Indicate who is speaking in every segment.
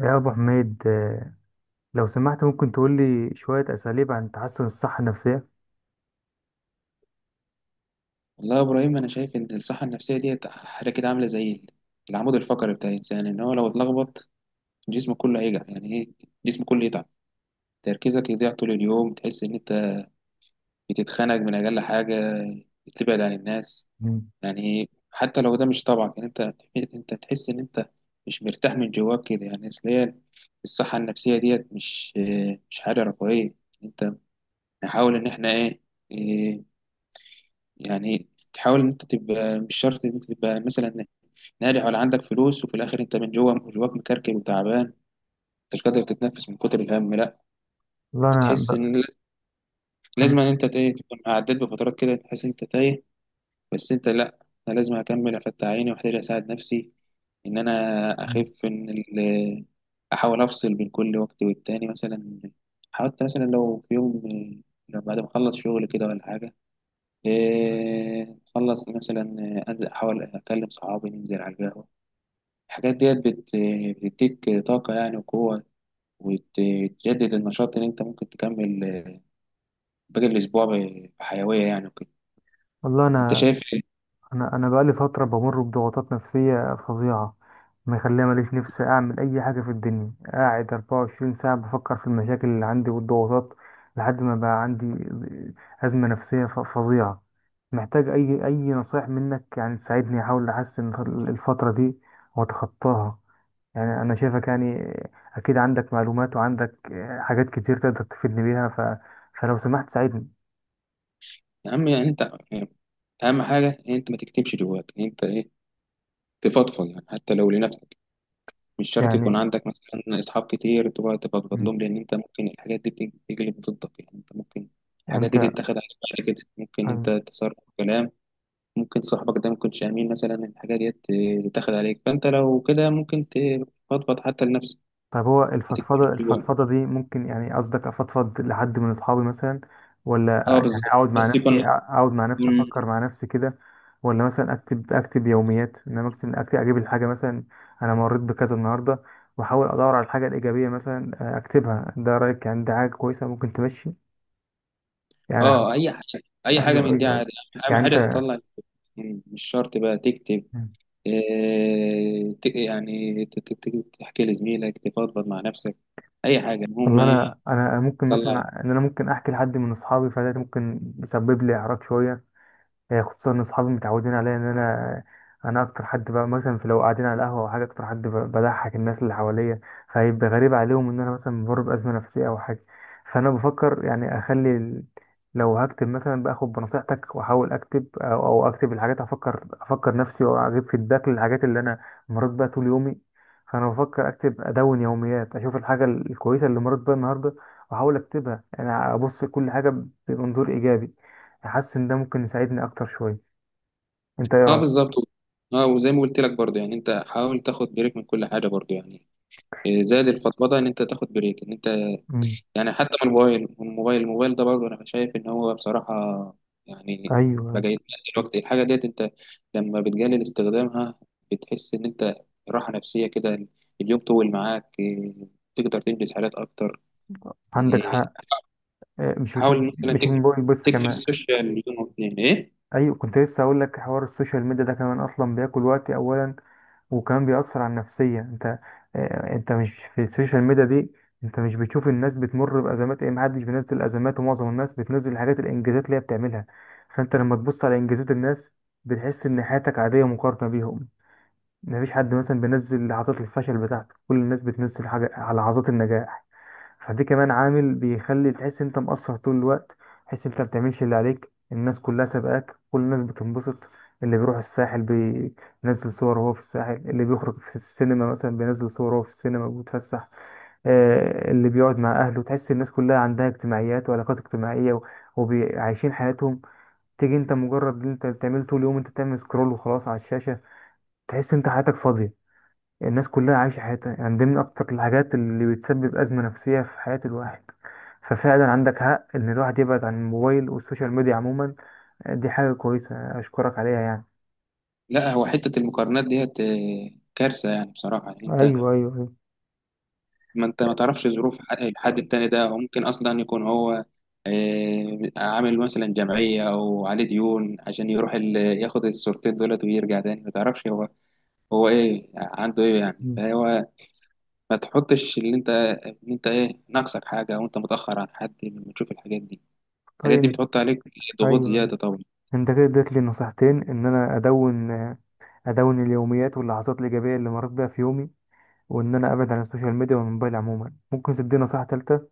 Speaker 1: يا أبو حميد، لو سمحت ممكن تقول لي شوية أساليب عن تحسن الصحة النفسية.
Speaker 2: والله يا ابراهيم، انا شايف ان الصحه النفسيه ديت حاجه كده عامله زي العمود الفقري بتاع الانسان، ان هو لو اتلخبط جسمه كله هيجع، يعني ايه، جسمه كله يتعب. تركيزك يضيع طول اليوم، تحس ان انت بتتخنق من اقل حاجه، بتبعد عن الناس.
Speaker 1: مم.
Speaker 2: يعني إيه؟ حتى لو ده مش طبعك، يعني انت تحس ان انت مش مرتاح من جواك كده، يعني اصل هي الصحه النفسيه ديت مش حاجه رفاهيه. انت نحاول ان احنا ايه، إيه، يعني تحاول ان انت تبقى، مش شرط ان انت تبقى مثلا ناجح ولا عندك فلوس، وفي الاخر انت من جوه جواك مكركب وتعبان، مش قادر تتنفس من كتر الهم. لا،
Speaker 1: والله أنا
Speaker 2: تحس
Speaker 1: ب...
Speaker 2: ان لا-
Speaker 1: أنا...
Speaker 2: لازم ان انت تايه، تكون عديت بفترات كده تحس انت تايه. بس انت لا، انا لازم اكمل افتح عيني واحتاج اساعد نفسي ان انا
Speaker 1: مم.
Speaker 2: اخف، ان احاول افصل بين كل وقت والتاني. مثلا حاولت، مثلا لو في يوم، لو بعد ما اخلص شغل كده ولا حاجه، إيه، اخلص مثلا، انزل احاول اكلم صحابي، ننزل على القهوه. الحاجات ديت بتديك طاقة يعني وقوة، وتجدد النشاط اللي انت ممكن تكمل باقي الأسبوع بحيوية يعني وكده.
Speaker 1: والله
Speaker 2: انت
Speaker 1: أنا
Speaker 2: شايف ايه؟
Speaker 1: أنا أنا بقالي فترة بمر بضغوطات نفسية فظيعة، مخليها ماليش نفسي أعمل أي حاجة في الدنيا، قاعد 24 ساعة بفكر في المشاكل اللي عندي والضغوطات، لحد ما بقى عندي أزمة نفسية فظيعة. محتاج أي نصايح منك يعني تساعدني أحاول أحسن الفترة دي وأتخطاها. يعني أنا شايفك، يعني أكيد عندك معلومات وعندك حاجات كتير تقدر تفيدني بيها، فلو سمحت ساعدني،
Speaker 2: أهم يعني انت، أهم حاجة ان انت ما تكتمش جواك، ان انت ايه تفضفض. يعني حتى لو لنفسك، مش شرط يكون
Speaker 1: يعني.
Speaker 2: عندك مثلا أصحاب كتير تقعد تفضفض
Speaker 1: مم.
Speaker 2: لهم، لأن انت ممكن الحاجات دي تجلب ضدك، يعني انت ممكن الحاجات
Speaker 1: أنت
Speaker 2: دي تتاخد عليك. بعد كده ممكن انت
Speaker 1: أيوة.
Speaker 2: تصرف كلام، ممكن صاحبك ده ما يكونش امين مثلا، الحاجه ديت آه، تاخد عليك. فانت لو كده ممكن تفضفض حتى لنفسك،
Speaker 1: طب هو
Speaker 2: ما تكتبش
Speaker 1: الفضفضة
Speaker 2: جوه.
Speaker 1: دي ممكن، يعني قصدك أفضفض لحد من أصحابي مثلا، ولا
Speaker 2: اه
Speaker 1: يعني
Speaker 2: بالظبط،
Speaker 1: أقعد مع
Speaker 2: بس
Speaker 1: نفسي،
Speaker 2: يكون، يكون-
Speaker 1: أفكر مع نفسي كده، ولا مثلا أكتب، يوميات؟ إنما أكتب، أجيب الحاجة مثلا: أنا مريت بكذا النهاردة، وأحاول أدور على الحاجة الإيجابية مثلا، أكتبها. ده رأيك؟ يعني ده حاجة كويسة ممكن تمشي، يعني؟
Speaker 2: اه اي حاجه
Speaker 1: ايوه،
Speaker 2: من دي
Speaker 1: ايوه، ايوه.
Speaker 2: عادي، اهم
Speaker 1: يعني
Speaker 2: حاجه
Speaker 1: انت،
Speaker 2: تطلع. مش شرط بقى تكتب. يعني تحكي لزميلك، تفضفض مع نفسك، اي حاجه، المهم
Speaker 1: والله
Speaker 2: ايه
Speaker 1: انا ممكن
Speaker 2: تطلع.
Speaker 1: مثلا ان انا ممكن احكي لحد من اصحابي، فده ممكن يسبب لي اعراض شويه، خصوصا ان اصحابي متعودين عليا ان انا اكتر حد بقى مثلا، في لو قاعدين على القهوه او حاجه، اكتر حد بضحك الناس اللي حواليا، فهيبقى غريب عليهم ان انا مثلا بمر بازمه نفسيه او حاجه. فانا بفكر يعني اخلي لو هكتب مثلا باخد بنصيحتك واحاول اكتب، او اكتب الحاجات، افكر نفسي واجيب فيدباك للحاجات اللي انا مريت بيها طول يومي. فانا بفكر اكتب ادون يوميات، اشوف الحاجه الكويسه اللي مريت بيها النهارده واحاول اكتبها، انا ابص كل حاجه بمنظور ايجابي. حاسس ان ده ممكن يساعدني اكتر شويه، انت ايه
Speaker 2: اه
Speaker 1: رايك؟
Speaker 2: بالظبط. اه وزي ما قلت لك برضه، يعني انت حاول تاخد بريك من كل حاجه برضه، يعني آه، زاد الفضفضه ان انت تاخد بريك، ان انت
Speaker 1: مم.
Speaker 2: يعني حتى من الموبايل ده برضه انا شايف ان هو بصراحه يعني
Speaker 1: ايوه،
Speaker 2: بقى
Speaker 1: ايوه.
Speaker 2: يتقلل. الوقت الحاجه ديت انت لما بتقلل استخدامها بتحس ان انت راحه نفسيه كده، اليوم طول معاك، إيه، تقدر تنجز حاجات اكتر يعني.
Speaker 1: عندك حق.
Speaker 2: حاول مثلا
Speaker 1: مش الموبايل بس،
Speaker 2: تقفل
Speaker 1: كمان
Speaker 2: السوشيال يوم او اتنين، ايه.
Speaker 1: ايوه كنت لسه اقول لك: حوار السوشيال ميديا ده كمان اصلا بياكل وقتي اولا، وكمان بيأثر على النفسيه. انت، انت مش في السوشيال ميديا دي، انت مش بتشوف الناس بتمر بازمات، ايه، محدش بينزل ازمات، ومعظم الناس بتنزل الحاجات، الانجازات اللي هي بتعملها. فانت لما تبص على انجازات الناس، بتحس ان حياتك عاديه مقارنه بيهم. مفيش حد مثلا بينزل لحظات الفشل بتاعته، كل الناس بتنزل حاجة على لحظات النجاح. فدي كمان عامل بيخلي تحس انت مقصر طول الوقت، تحس انت بتعملش اللي عليك، الناس كلها سابقاك، كل الناس بتنبسط، اللي بيروح الساحل بينزل صور وهو في الساحل، اللي بيخرج في السينما مثلا بينزل صور وهو في السينما وبيتفسح، اللي بيقعد مع اهله. تحس الناس كلها عندها اجتماعيات وعلاقات اجتماعية وعايشين حياتهم، تيجي انت مجرد اللي انت بتعمله طول اليوم انت بتعمل سكرول وخلاص على الشاشة، تحس انت حياتك فاضية، الناس كلها عايشة حياتها. يعني دي من أكتر الحاجات اللي بتسبب أزمة نفسية في حياة الواحد. ففعلا عندك حق إن الواحد يبعد عن الموبايل والسوشيال ميديا عموما. دي حاجة كويسة أشكرك عليها، يعني.
Speaker 2: لا، هو حته المقارنات ديت إيه، كارثه يعني بصراحه يعني.
Speaker 1: ايوه، ايوه، ايوه.
Speaker 2: ما انت ما تعرفش ظروف الحد التاني ده، وممكن اصلا يكون هو آه، عامل مثلا جمعية او عليه ديون عشان يروح ياخد الصورتين دولت ويرجع تاني. ما تعرفش هو، هو ايه عنده ايه يعني،
Speaker 1: مم.
Speaker 2: فهو ما تحطش اللي انت ان انت ايه ناقصك حاجة او انت متأخر عن حد لما تشوف الحاجات دي. الحاجات دي
Speaker 1: طيب.
Speaker 2: بتحط عليك ضغوط
Speaker 1: ايوه. أيوة.
Speaker 2: زيادة طبعا.
Speaker 1: أنت كده اديت لي نصيحتين: إن أنا أدون، اليوميات واللحظات الإيجابية اللي مريت بيها في يومي، وإن أنا أبعد عن السوشيال ميديا والموبايل عموما. ممكن تديني نصيحة تالتة؟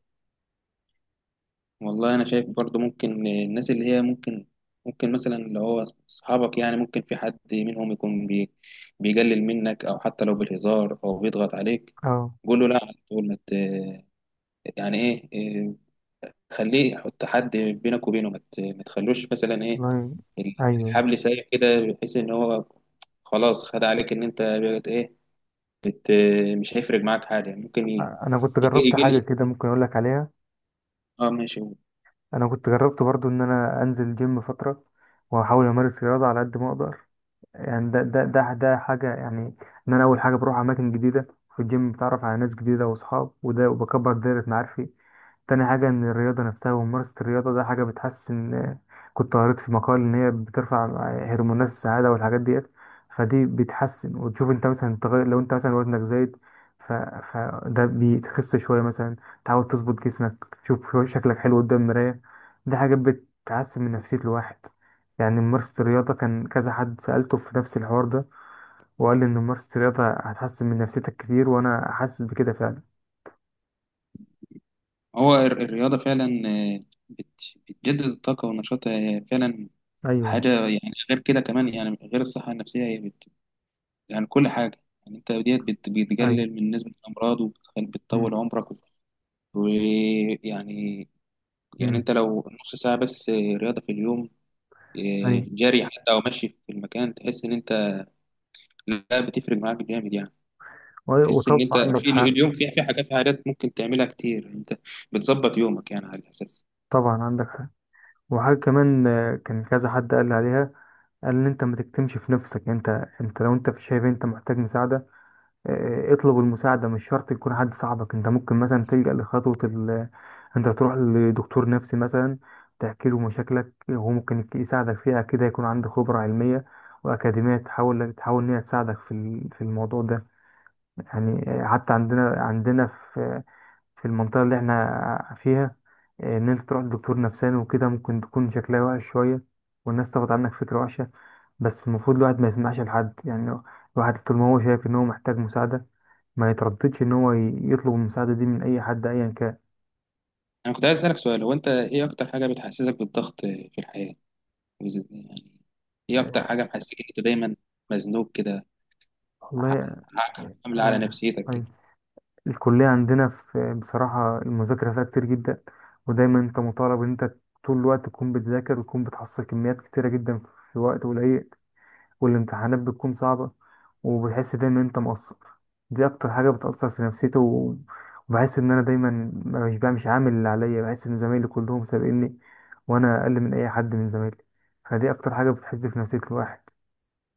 Speaker 2: والله انا شايف برضو ممكن الناس اللي هي ممكن، مثلا اللي هو اصحابك، يعني ممكن في حد منهم يكون بيقلل منك، او حتى لو بالهزار او بيضغط عليك.
Speaker 1: اه.
Speaker 2: قول له لا، تقول ما ت- يعني ايه إيه، خليه يحط حد بينك وبينه، ما تخلوش مثلا ايه
Speaker 1: والله. ايوه.
Speaker 2: الحبل سايب كده بحيث ان هو خلاص خد عليك ان انت بقت ايه، بت، مش هيفرق معاك حاجه. ممكن يجي،
Speaker 1: أنا كنت جربت
Speaker 2: يجي
Speaker 1: حاجة كده
Speaker 2: لي
Speaker 1: ممكن أقول لك عليها.
Speaker 2: اه ماشي.
Speaker 1: انا كنت جربت برضو ان انا انزل جيم فتره، واحاول امارس رياضه على قد ما اقدر، يعني ده حاجة، يعني: إن أنا أول حاجة بروح أماكن جديدة، في الجيم بتعرف على ناس جديدة وأصحاب وده، وبكبر دايرة معارفي. تاني حاجة إن الرياضة نفسها وممارسة الرياضة ده حاجة بتحسن. كنت قريت في مقال إن هي بترفع هرمونات السعادة والحاجات ديت، فدي بتحسن، وتشوف أنت مثلا تغير لو أنت مثلا وزنك زايد، ف... فده بتخس شوية مثلا، تحاول تظبط جسمك، تشوف شكلك حلو قدام المراية. دي حاجة بتحسن من نفسية الواحد. يعني ممارسة الرياضة، كان كذا حد سألته في نفس الحوار ده وقال لي إن ممارسة الرياضة هتحسن من نفسيتك كتير، وأنا حاسس بكده فعلا.
Speaker 2: هو الرياضة فعلا آه، بتجدد الطاقة والنشاط آه، فعلا.
Speaker 1: أيوه،
Speaker 2: حاجة يعني، غير كده كمان، يعني غير الصحة النفسية، هي يعني كل حاجة، يعني أنت ديت
Speaker 1: أيوه.
Speaker 2: بتقلل من نسبة الأمراض، بتطول
Speaker 1: مم.
Speaker 2: عمرك ويعني. يعني
Speaker 1: مم.
Speaker 2: أنت لو نص ساعة بس آه، رياضة في اليوم، آه،
Speaker 1: أيوه.
Speaker 2: جري حتى أو مشي في المكان، تحس إن أنت لا، بتفرق معاك جامد يعني. تحس إن
Speaker 1: وطبعا
Speaker 2: أنت
Speaker 1: عندك
Speaker 2: في
Speaker 1: حق.
Speaker 2: اليوم في حاجات ممكن تعملها كتير، أنت بتظبط يومك يعني على الأساس.
Speaker 1: طبعا عندك حق. وحاجة كمان، كان كذا حد قال لي عليها، قال إن أنت ما تكتمش في نفسك. أنت، لو أنت في شايف أنت محتاج مساعدة، اطلب المساعدة. مش شرط يكون حد صاحبك، انت ممكن مثلا تلجأ لخطوة انت تروح لدكتور نفسي مثلا، تحكي له مشاكلك وهو ممكن يساعدك فيها كده، يكون عنده خبرة علمية وأكاديمية، تحاول إن هي تساعدك في في الموضوع ده. يعني، حتى عندنا في في المنطقة اللي احنا فيها، إن أنت تروح لدكتور نفساني وكده ممكن تكون شكلها وحش شوية، والناس تاخد عنك فكرة وحشة. بس المفروض الواحد ما يسمعش لحد، يعني الواحد طول ما هو شايف إن هو محتاج مساعدة ما يترددش ان هو يطلب المساعده دي من اي حد ايا كان.
Speaker 2: انا كنت عايز اسالك سؤال، هو انت ايه اكتر حاجه بتحسسك بالضغط في الحياه؟ يعني ايه اكتر
Speaker 1: آه،
Speaker 2: حاجه محسسك ان انت دايما مزنوق كده، ع-
Speaker 1: والله،
Speaker 2: عامله على
Speaker 1: آه.
Speaker 2: نفسيتك
Speaker 1: طيب،
Speaker 2: كده؟
Speaker 1: الكليه عندنا في بصراحه المذاكره فيها كتير جدا، ودايما انت مطالب ان انت طول الوقت تكون بتذاكر وتكون بتحصل كميات كتيره جدا في وقت قليل، والامتحانات بتكون صعبه، وبتحس دايما ان انت مقصر. دي اكتر حاجه بتاثر في نفسيتي، وبحس ان انا دايما مش عامل اللي عليا، بحس ان زمايلي كلهم سابقيني، وانا اقل من اي حد من زمايلي. فدي اكتر حاجه بتحز في نفسيه الواحد.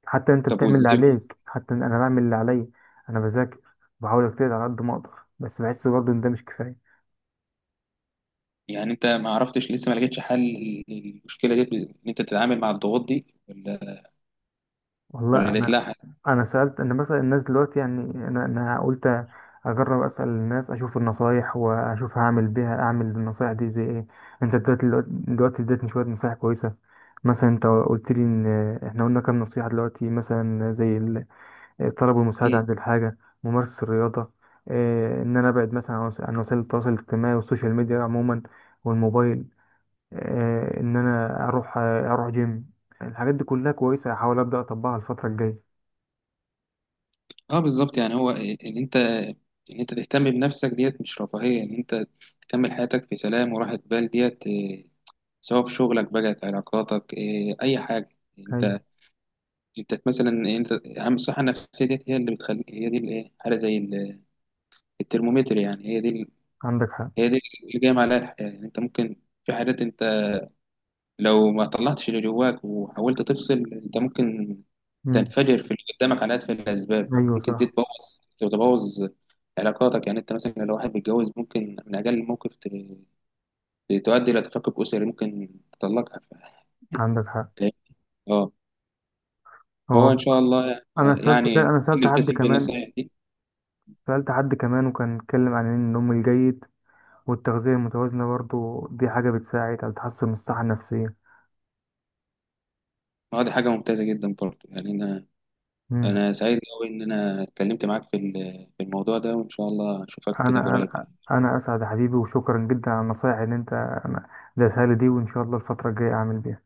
Speaker 1: حتى انت
Speaker 2: طب
Speaker 1: بتعمل اللي
Speaker 2: وازاي
Speaker 1: عليك، حتى انا بعمل اللي عليا. انا بذاكر، بحاول اجتهد على قد ما اقدر، بس بحس برضه ان ده مش كفايه.
Speaker 2: يعني؟ انت ما عرفتش لسه، ما لقيتش حل للمشكله دي ان انت تتعامل مع الضغوط دي، ولا،
Speaker 1: والله
Speaker 2: ولا لقيت
Speaker 1: انا
Speaker 2: لها حل؟
Speaker 1: انا سالت، انا مثلا الناس دلوقتي، يعني انا قلت اجرب اسال الناس اشوف النصايح، واشوف هعمل بيها، اعمل بالنصايح دي زي ايه. انت دلوقتي اديتني شويه نصايح كويسه، مثلا انت قلت لي ان احنا قلنا كام نصيحه دلوقتي مثلا، زي طلبوا المساعدة
Speaker 2: ايه.
Speaker 1: عند الحاجة، ممارسة الرياضة، إن أنا أبعد مثلا عن عن وسائل التواصل الاجتماعي والسوشيال ميديا عموما والموبايل، إن أنا أروح، أروح جيم. الحاجات دي كلها كويسة، هحاول أبدأ أطبقها الفترة الجاية.
Speaker 2: اه بالظبط، يعني هو ان انت ان انت تهتم بنفسك ديت مش رفاهيه، ان انت تكمل حياتك في سلام وراحه بال ديت إيه، سواء في شغلك بقى، في علاقاتك، إيه، اي حاجه.
Speaker 1: أيوة.
Speaker 2: انت انت مثلا إيه، انت اهم الصحه النفسيه ديت هي اللي بتخلي، هي دي الايه، حاله زي الترمومتر يعني،
Speaker 1: عندك حق.
Speaker 2: هي دي اللي جايه عليها الحياه. يعني انت ممكن في حاجات انت لو ما طلعتش اللي جواك وحاولت تفصل، انت ممكن
Speaker 1: مم.
Speaker 2: تنفجر في اللي قدامك على اتفه الاسباب.
Speaker 1: أيوة
Speaker 2: ممكن دي
Speaker 1: صح.
Speaker 2: تبوظ علاقاتك، يعني انت مثلا لو واحد بيتجوز ممكن من اجل موقف تؤدي الى تفكك اسري، ممكن تطلقها،
Speaker 1: عندك حق.
Speaker 2: اه
Speaker 1: هو
Speaker 2: فهو ان شاء الله،
Speaker 1: أنا سألت
Speaker 2: يعني
Speaker 1: أنا سألت حد
Speaker 2: نلتزم
Speaker 1: كمان،
Speaker 2: بالنصائح دي.
Speaker 1: وكان اتكلم عن إن النوم الجيد والتغذية المتوازنة برضو دي حاجة بتساعد على تحسن الصحة النفسية.
Speaker 2: اه دي حاجة ممتازة جدا برضه، يعني أنا
Speaker 1: مم.
Speaker 2: أنا سعيد أوي إن أنا اتكلمت معاك في في الموضوع ده، وإن شاء الله أشوفك
Speaker 1: انا
Speaker 2: كده قريب
Speaker 1: انا
Speaker 2: يعني.
Speaker 1: انا اسعد يا حبيبي، وشكرا جدا على النصايح اللي انت ديتها لي دي، وان شاء الله الفتره الجايه اعمل بيها.